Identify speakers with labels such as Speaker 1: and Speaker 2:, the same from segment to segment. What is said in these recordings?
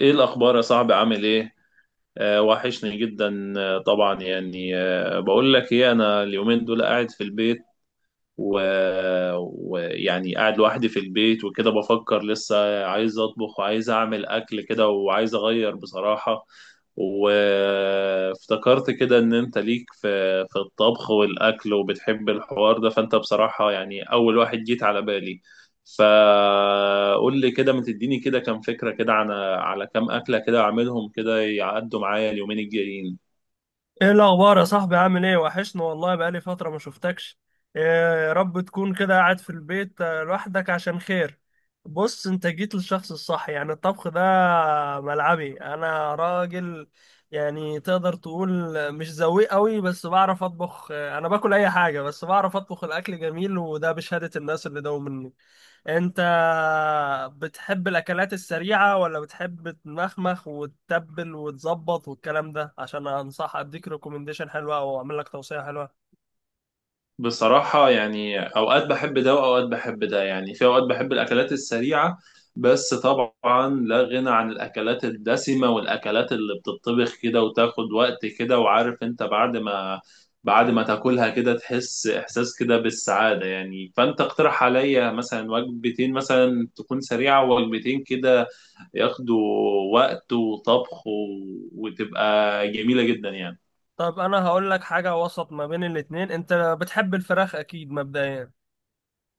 Speaker 1: ايه الاخبار يا صاحبي؟ عامل ايه؟ آه، وحشني جدا. آه طبعا، يعني، بقول لك ايه، انا اليومين دول قاعد في البيت و- ويعني قاعد لوحدي في البيت وكده، بفكر لسه عايز اطبخ وعايز اعمل اكل كده، وعايز اغير بصراحة. وافتكرت كده ان انت ليك في الطبخ والاكل وبتحب الحوار ده، فانت بصراحة يعني اول واحد جيت على بالي. فقول لي كده، ما تديني كده كام فكرة كده على كام أكلة كده، أعملهم كده يعدوا معايا اليومين الجايين.
Speaker 2: ايه الاخبار يا صاحبي؟ عامل ايه؟ وحشنا والله، بقالي فتره ما شفتكش. إيه؟ يا رب تكون كده قاعد في البيت، لوحدك عشان خير. بص، انت جيت للشخص الصح، يعني الطبخ ده ملعبي، انا راجل يعني تقدر تقول. مش ذويق قوي بس بعرف اطبخ، انا باكل اي حاجه بس بعرف اطبخ، الاكل جميل وده بشهاده الناس اللي داوم مني. انت بتحب الاكلات السريعة ولا بتحب تمخمخ وتتبل وتظبط والكلام ده، عشان انصح اديك ريكومنديشن حلوة او اعمل لك توصية حلوة؟
Speaker 1: بصراحة يعني أوقات بحب ده وأوقات بحب ده، يعني في أوقات بحب الأكلات السريعة، بس طبعا لا غنى عن الأكلات الدسمة والأكلات اللي بتطبخ كده وتاخد وقت كده، وعارف أنت بعد ما تاكلها كده تحس إحساس كده بالسعادة يعني. فأنت اقترح عليا مثلا وجبتين مثلا تكون سريعة، ووجبتين كده ياخدوا وقت وطبخ وتبقى جميلة جدا يعني.
Speaker 2: طيب، انا هقول لك حاجة وسط ما بين الاتنين. انت بتحب الفراخ اكيد مبدئيا؟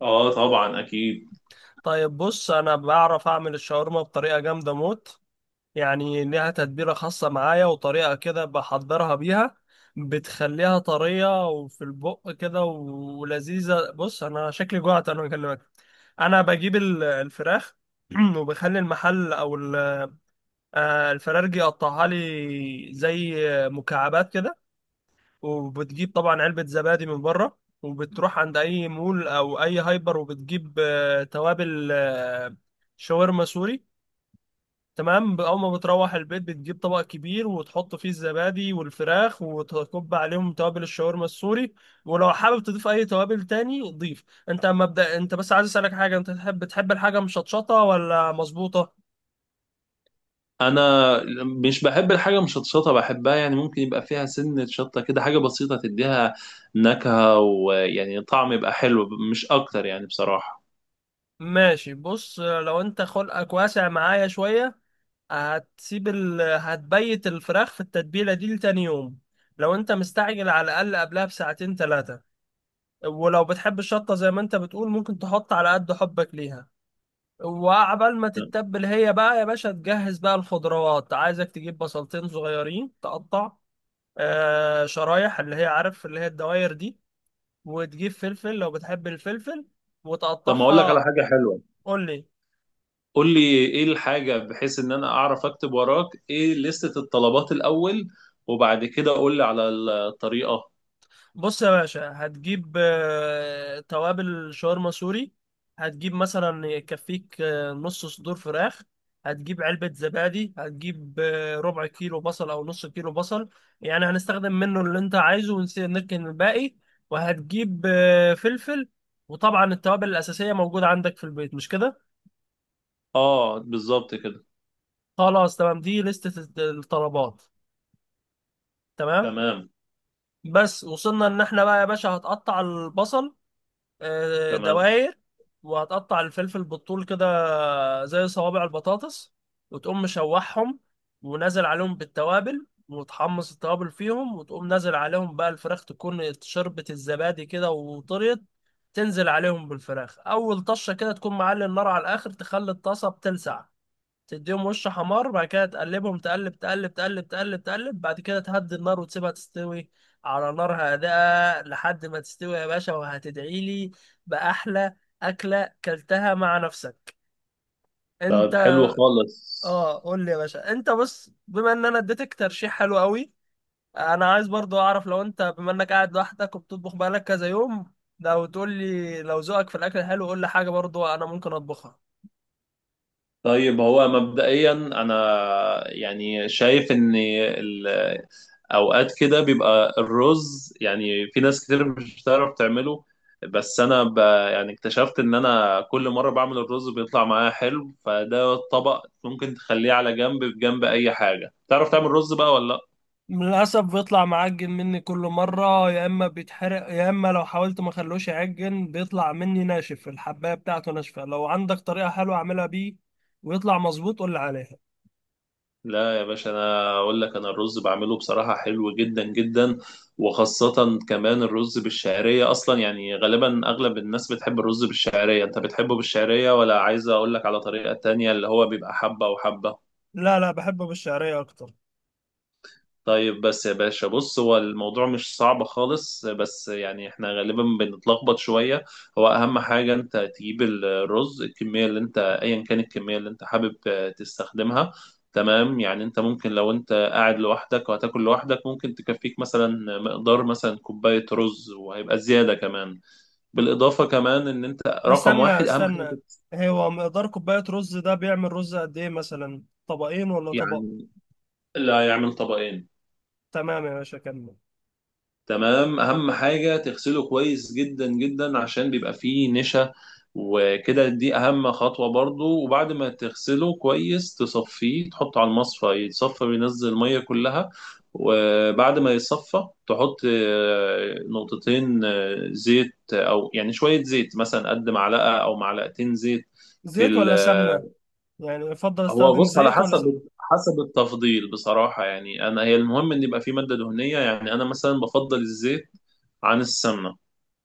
Speaker 1: آه طبعا أكيد.
Speaker 2: طيب، بص، انا بعرف اعمل الشاورما بطريقة جامدة موت، يعني ليها تتبيلة خاصة معايا وطريقة كده بحضرها بيها، بتخليها طرية وفي البق كده ولذيذة. بص، أنا شكلي جوعت أنا بكلمك. أنا بجيب الفراخ. وبخلي المحل أو الفرارجي يقطعها لي زي مكعبات كده. وبتجيب طبعا علبة زبادي من بره، وبتروح عند أي مول أو أي هايبر وبتجيب توابل شاورما سوري. تمام، اول ما بتروح البيت بتجيب طبق كبير وتحط فيه الزبادي والفراخ وتكب عليهم توابل الشاورما السوري، ولو حابب تضيف اي توابل تاني ضيف. انت مبدأ، انت بس عايز اسالك حاجه، انت تحب بتحب الحاجه مشطشطه ولا مظبوطه؟
Speaker 1: انا مش بحب الحاجه مشطشطه، بحبها يعني ممكن يبقى فيها سنه شطه كده، حاجه بسيطه تديها نكهه ويعني طعم يبقى حلو مش اكتر يعني بصراحه.
Speaker 2: ماشي، بص، لو انت خلقك واسع معايا شويه، هتبيت الفراخ في التتبيله دي لتاني يوم، لو انت مستعجل على الاقل قبلها بساعتين ثلاثه. ولو بتحب الشطه زي ما انت بتقول، ممكن تحط على قد حبك ليها. وعبال ما تتبل هي بقى يا باشا تجهز بقى الخضروات. عايزك تجيب بصلتين صغيرين تقطع شرايح، اللي هي عارف اللي هي الدواير دي. وتجيب فلفل لو بتحب الفلفل
Speaker 1: طب، ما اقول لك على
Speaker 2: وتقطعها.
Speaker 1: حاجه حلوه.
Speaker 2: قول لي.
Speaker 1: قول لي ايه الحاجه، بحيث ان انا اعرف اكتب وراك ايه لستة الطلبات الاول، وبعد كده قول لي على الطريقه.
Speaker 2: بص يا باشا، هتجيب توابل شاورما سوري، هتجيب مثلا يكفيك نص صدور فراخ، هتجيب علبة زبادي، هتجيب ربع كيلو بصل أو نص كيلو بصل، يعني هنستخدم منه اللي أنت عايزه ونركن الباقي. وهتجيب فلفل. وطبعا التوابل الأساسية موجودة عندك في البيت، مش كده؟
Speaker 1: اه، بالظبط كده.
Speaker 2: خلاص، تمام، دي لستة الطلبات. تمام.
Speaker 1: تمام،
Speaker 2: بس وصلنا إن احنا بقى يا باشا هتقطع البصل
Speaker 1: تمام.
Speaker 2: دواير، وهتقطع الفلفل بالطول كده زي صوابع البطاطس، وتقوم مشوحهم ونازل عليهم بالتوابل وتحمص التوابل فيهم، وتقوم نازل عليهم بقى الفراخ تكون شربت الزبادي كده وطريت. تنزل عليهم بالفراخ اول طشه كده، تكون معلي النار على الاخر تخلي الطاسه بتلسع، تديهم وش حمار، بعد كده تقلبهم، تقلب تقلب تقلب تقلب تقلب، بعد كده تهدي النار وتسيبها تستوي على نار هادئة لحد ما تستوي يا باشا، وهتدعي لي بأحلى أكلة كلتها مع نفسك.
Speaker 1: طب،
Speaker 2: انت.
Speaker 1: حلو خالص.
Speaker 2: اه، قول لي يا باشا، انت بص، بما ان انا اديتك ترشيح حلو قوي، انا عايز برضو اعرف، لو انت بما انك قاعد لوحدك وبتطبخ بقالك كذا يوم، لو تقول لي لو ذوقك في الاكل حلو، قول لي حاجة برضو انا ممكن اطبخها.
Speaker 1: طيب، هو مبدئيا انا يعني شايف ان اوقات كده بيبقى الرز، يعني في ناس كتير مش بتعرف تعمله، بس انا يعني اكتشفت ان انا كل مره بعمل الرز بيطلع معايا حلو، فده الطبق ممكن تخليه على جنب بجنب اي حاجه. تعرف تعمل رز بقى ولا لا؟
Speaker 2: للأسف بيطلع معجن مني كل مرة، يا إما بيتحرق يا إما لو حاولت ما خلوش يعجن بيطلع مني ناشف، الحباية بتاعته ناشفة. لو عندك طريقة حلوة أعملها بيه ويطلع مظبوط قول لي عليها.
Speaker 1: لا يا باشا، انا اقول لك، انا الرز بعمله بصراحه حلو جدا جدا، وخاصه كمان الرز بالشعريه. اصلا يعني غالبا اغلب الناس بتحب الرز بالشعريه. انت بتحبه بالشعريه ولا عايز اقول لك على طريقه تانية، اللي هو بيبقى حبه وحبه؟
Speaker 2: لا لا، بحبه بالشعرية أكتر.
Speaker 1: طيب، بس يا باشا بص، هو الموضوع مش صعب خالص، بس يعني احنا غالبا بنتلخبط شوية. هو أهم حاجة أنت تجيب الرز، الكمية اللي أنت، أيا كان الكمية اللي أنت حابب تستخدمها. تمام. يعني أنت ممكن لو أنت قاعد لوحدك وهتاكل لوحدك، ممكن تكفيك مثلا مقدار مثلا كوباية رز، وهيبقى زيادة كمان. بالإضافة كمان، إن أنت رقم
Speaker 2: استنى
Speaker 1: واحد أهم حاجة.
Speaker 2: استنى، هو مقدار كوباية رز ده بيعمل رز قد إيه؟ مثلا طبقين ولا طبق؟
Speaker 1: يعني اللي هيعمل طبقين.
Speaker 2: تمام يا باشا، كمل.
Speaker 1: تمام. اهم حاجه تغسله كويس جدا جدا، عشان بيبقى فيه نشا، وكده دي اهم خطوه برضو. وبعد ما تغسله كويس، تصفيه، تحطه على المصفى يتصفى، بينزل الميه كلها. وبعد ما يتصفى، تحط نقطتين زيت، او يعني شويه زيت مثلا، قد معلقه او معلقتين زيت. في
Speaker 2: زيت
Speaker 1: ال-
Speaker 2: ولا سمنة؟
Speaker 1: آه،
Speaker 2: يعني يفضل
Speaker 1: هو
Speaker 2: استخدم
Speaker 1: بص، على
Speaker 2: زيت ولا سمنة؟
Speaker 1: حسب التفضيل بصراحة. يعني أنا، هي المهم إن يبقى في مادة دهنية، يعني أنا مثلا بفضل الزيت عن السمنة.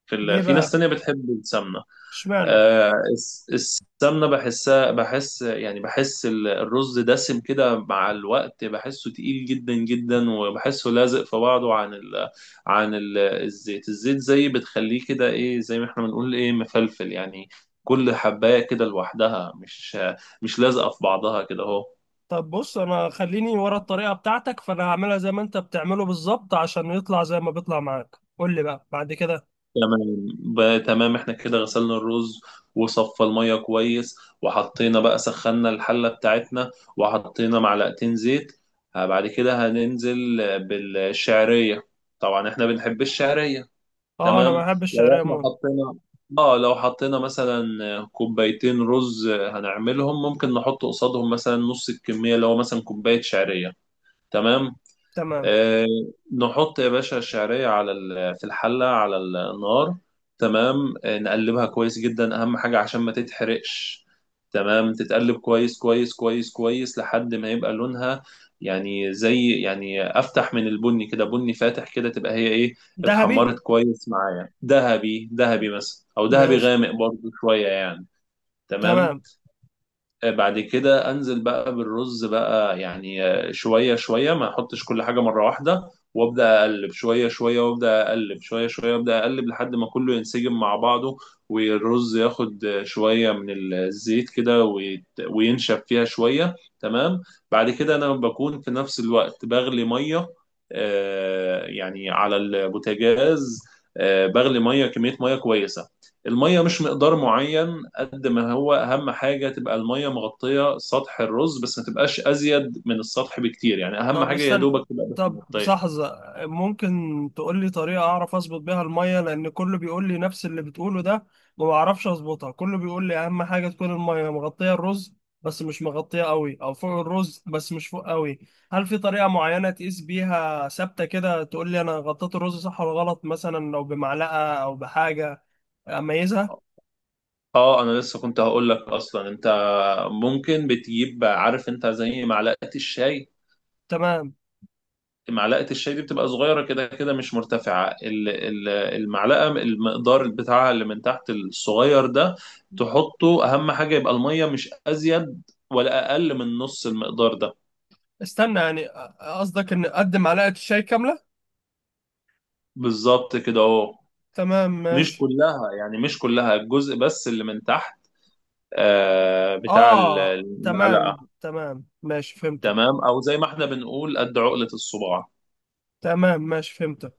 Speaker 2: ليه
Speaker 1: في ناس
Speaker 2: بقى؟
Speaker 1: تانية بتحب السمنة.
Speaker 2: اشمعنى؟
Speaker 1: آه، السمنة بحسها، بحس يعني، بحس الرز دسم كده مع الوقت، بحسه تقيل جدا جدا، وبحسه لازق في بعضه، عن الزيت. الزيت زي بتخليه كده إيه، زي ما إحنا بنقول إيه، مفلفل يعني، كل حباية كده لوحدها، مش لازقة في بعضها كده أهو.
Speaker 2: طب بص، انا خليني ورا الطريقه بتاعتك، فانا هعملها زي ما انت بتعمله بالظبط عشان يطلع زي ما بيطلع معاك، قول لي بقى بعد كده.
Speaker 1: تمام. بقى تمام، احنا كده غسلنا الرز وصفى المية كويس، وحطينا، بقى سخنا الحلة بتاعتنا، وحطينا معلقتين زيت. بعد كده هننزل بالشعرية، طبعا احنا بنحب الشعرية.
Speaker 2: اه، انا
Speaker 1: تمام.
Speaker 2: ما بحبش
Speaker 1: لو
Speaker 2: الشعريه
Speaker 1: احنا
Speaker 2: موت.
Speaker 1: حطينا، اه لو حطينا مثلا كوبايتين رز هنعملهم، ممكن نحط قصادهم مثلا نص الكمية، اللي هو مثلا كوباية شعرية. تمام.
Speaker 2: تمام.
Speaker 1: آه، نحط يا باشا الشعرية على في الحلة على النار. تمام، نقلبها كويس جدا، أهم حاجة عشان ما تتحرقش. تمام، تتقلب كويس كويس كويس كويس لحد ما يبقى لونها، يعني زي، يعني أفتح من البني كده، بني فاتح كده، تبقى هي إيه،
Speaker 2: ذهبي،
Speaker 1: اتحمرت كويس معايا. ذهبي ذهبي مثلا، أو ذهبي
Speaker 2: ماشي.
Speaker 1: غامق برضو شوية يعني. تمام.
Speaker 2: تمام.
Speaker 1: بعد كده انزل بقى بالرز بقى، يعني شويه شويه، ما احطش كل حاجه مره واحده، وابدا اقلب شويه شويه، وابدا اقلب شويه شويه، وابدا اقلب لحد ما كله ينسجم مع بعضه، والرز ياخد شويه من الزيت كده وينشف فيها شويه. تمام. بعد كده انا بكون في نفس الوقت بغلي ميه، يعني على البوتاجاز، بغلي ميه، كميه ميه كويسه. المية مش مقدار معين قد ما هو، أهم حاجة تبقى المية مغطية سطح الرز، بس ما تبقاش أزيد من السطح بكتير، يعني أهم
Speaker 2: طب
Speaker 1: حاجة يا
Speaker 2: استنى.
Speaker 1: دوبك تبقى بس
Speaker 2: طب،
Speaker 1: مغطية.
Speaker 2: لحظة. ممكن تقول لي طريقة أعرف أظبط بيها المية، لأن كله بيقول لي نفس اللي بتقوله ده، وما بعرفش أظبطها. كله بيقول لي أهم حاجة تكون المية مغطية الرز، بس مش مغطية قوي، أو فوق الرز بس مش فوق قوي. هل في طريقة معينة تقيس بيها ثابتة كده، تقول لي أنا غطيت الرز صح ولا غلط، مثلا لو بمعلقة أو بحاجة أميزها؟
Speaker 1: اه، انا لسه كنت هقول لك اصلا، انت ممكن بتجيب، عارف انت، زي معلقه الشاي.
Speaker 2: تمام.
Speaker 1: معلقه الشاي دي بتبقى صغيره كده كده، مش مرتفعه، المعلقه المقدار بتاعها اللي من تحت الصغير ده، تحطه، اهم حاجه يبقى الميه مش ازيد ولا اقل من نص المقدار ده.
Speaker 2: استنى، يعني قصدك إن أقدم معلقة الشاي كاملة؟
Speaker 1: بالظبط كده اهو.
Speaker 2: تمام،
Speaker 1: مش
Speaker 2: ماشي.
Speaker 1: كلها يعني، مش كلها، الجزء بس اللي من تحت، آه، بتاع
Speaker 2: اه، تمام
Speaker 1: المعلقة.
Speaker 2: تمام، ماشي، فهمتك.
Speaker 1: تمام، او زي ما احنا بنقول قد عقلة الصباع.
Speaker 2: تمام، ماشي، فهمتك.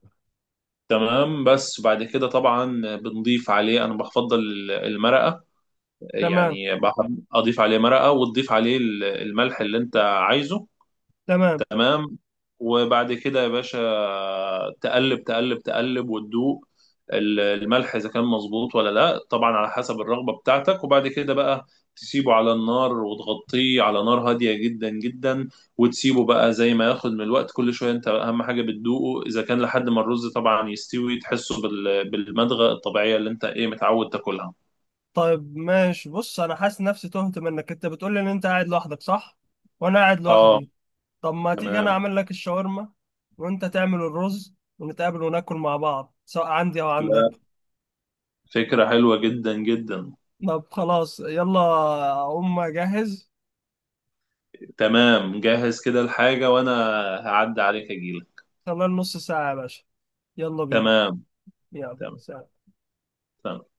Speaker 1: تمام. بس بعد كده طبعا بنضيف عليه، انا بفضل المرقة،
Speaker 2: تمام.
Speaker 1: يعني بحب اضيف عليه مرقة، وتضيف عليه الملح اللي انت عايزه.
Speaker 2: تمام.
Speaker 1: تمام. وبعد كده يا باشا تقلب تقلب تقلب وتدوق الملح، اذا كان مظبوط ولا لا، طبعا على حسب الرغبه بتاعتك. وبعد كده بقى تسيبه على النار وتغطيه على نار هاديه جدا جدا، وتسيبه بقى زي ما ياخد من الوقت. كل شويه انت اهم حاجه بتدوقه، اذا كان، لحد ما الرز طبعا يستوي، تحسه بالمضغه الطبيعيه اللي انت ايه متعود تاكلها.
Speaker 2: طيب، ماشي. بص، انا حاسس نفسي تهت منك، انت بتقول لي ان انت قاعد لوحدك، صح؟ وانا قاعد
Speaker 1: اه،
Speaker 2: لوحدي. طب ما تيجي انا
Speaker 1: تمام.
Speaker 2: اعمل لك الشاورما وانت تعمل الرز، ونتقابل وناكل مع بعض سواء عندي او
Speaker 1: لا،
Speaker 2: عندك.
Speaker 1: فكره حلوه جدا جدا.
Speaker 2: طب خلاص، يلا، اقوم اجهز.
Speaker 1: تمام، جهز كده الحاجة وأنا هعدي عليك أجيلك.
Speaker 2: خلال نص ساعة يا باشا. يلا بينا.
Speaker 1: تمام.
Speaker 2: يلا،
Speaker 1: تمام.
Speaker 2: سلام.
Speaker 1: تمام.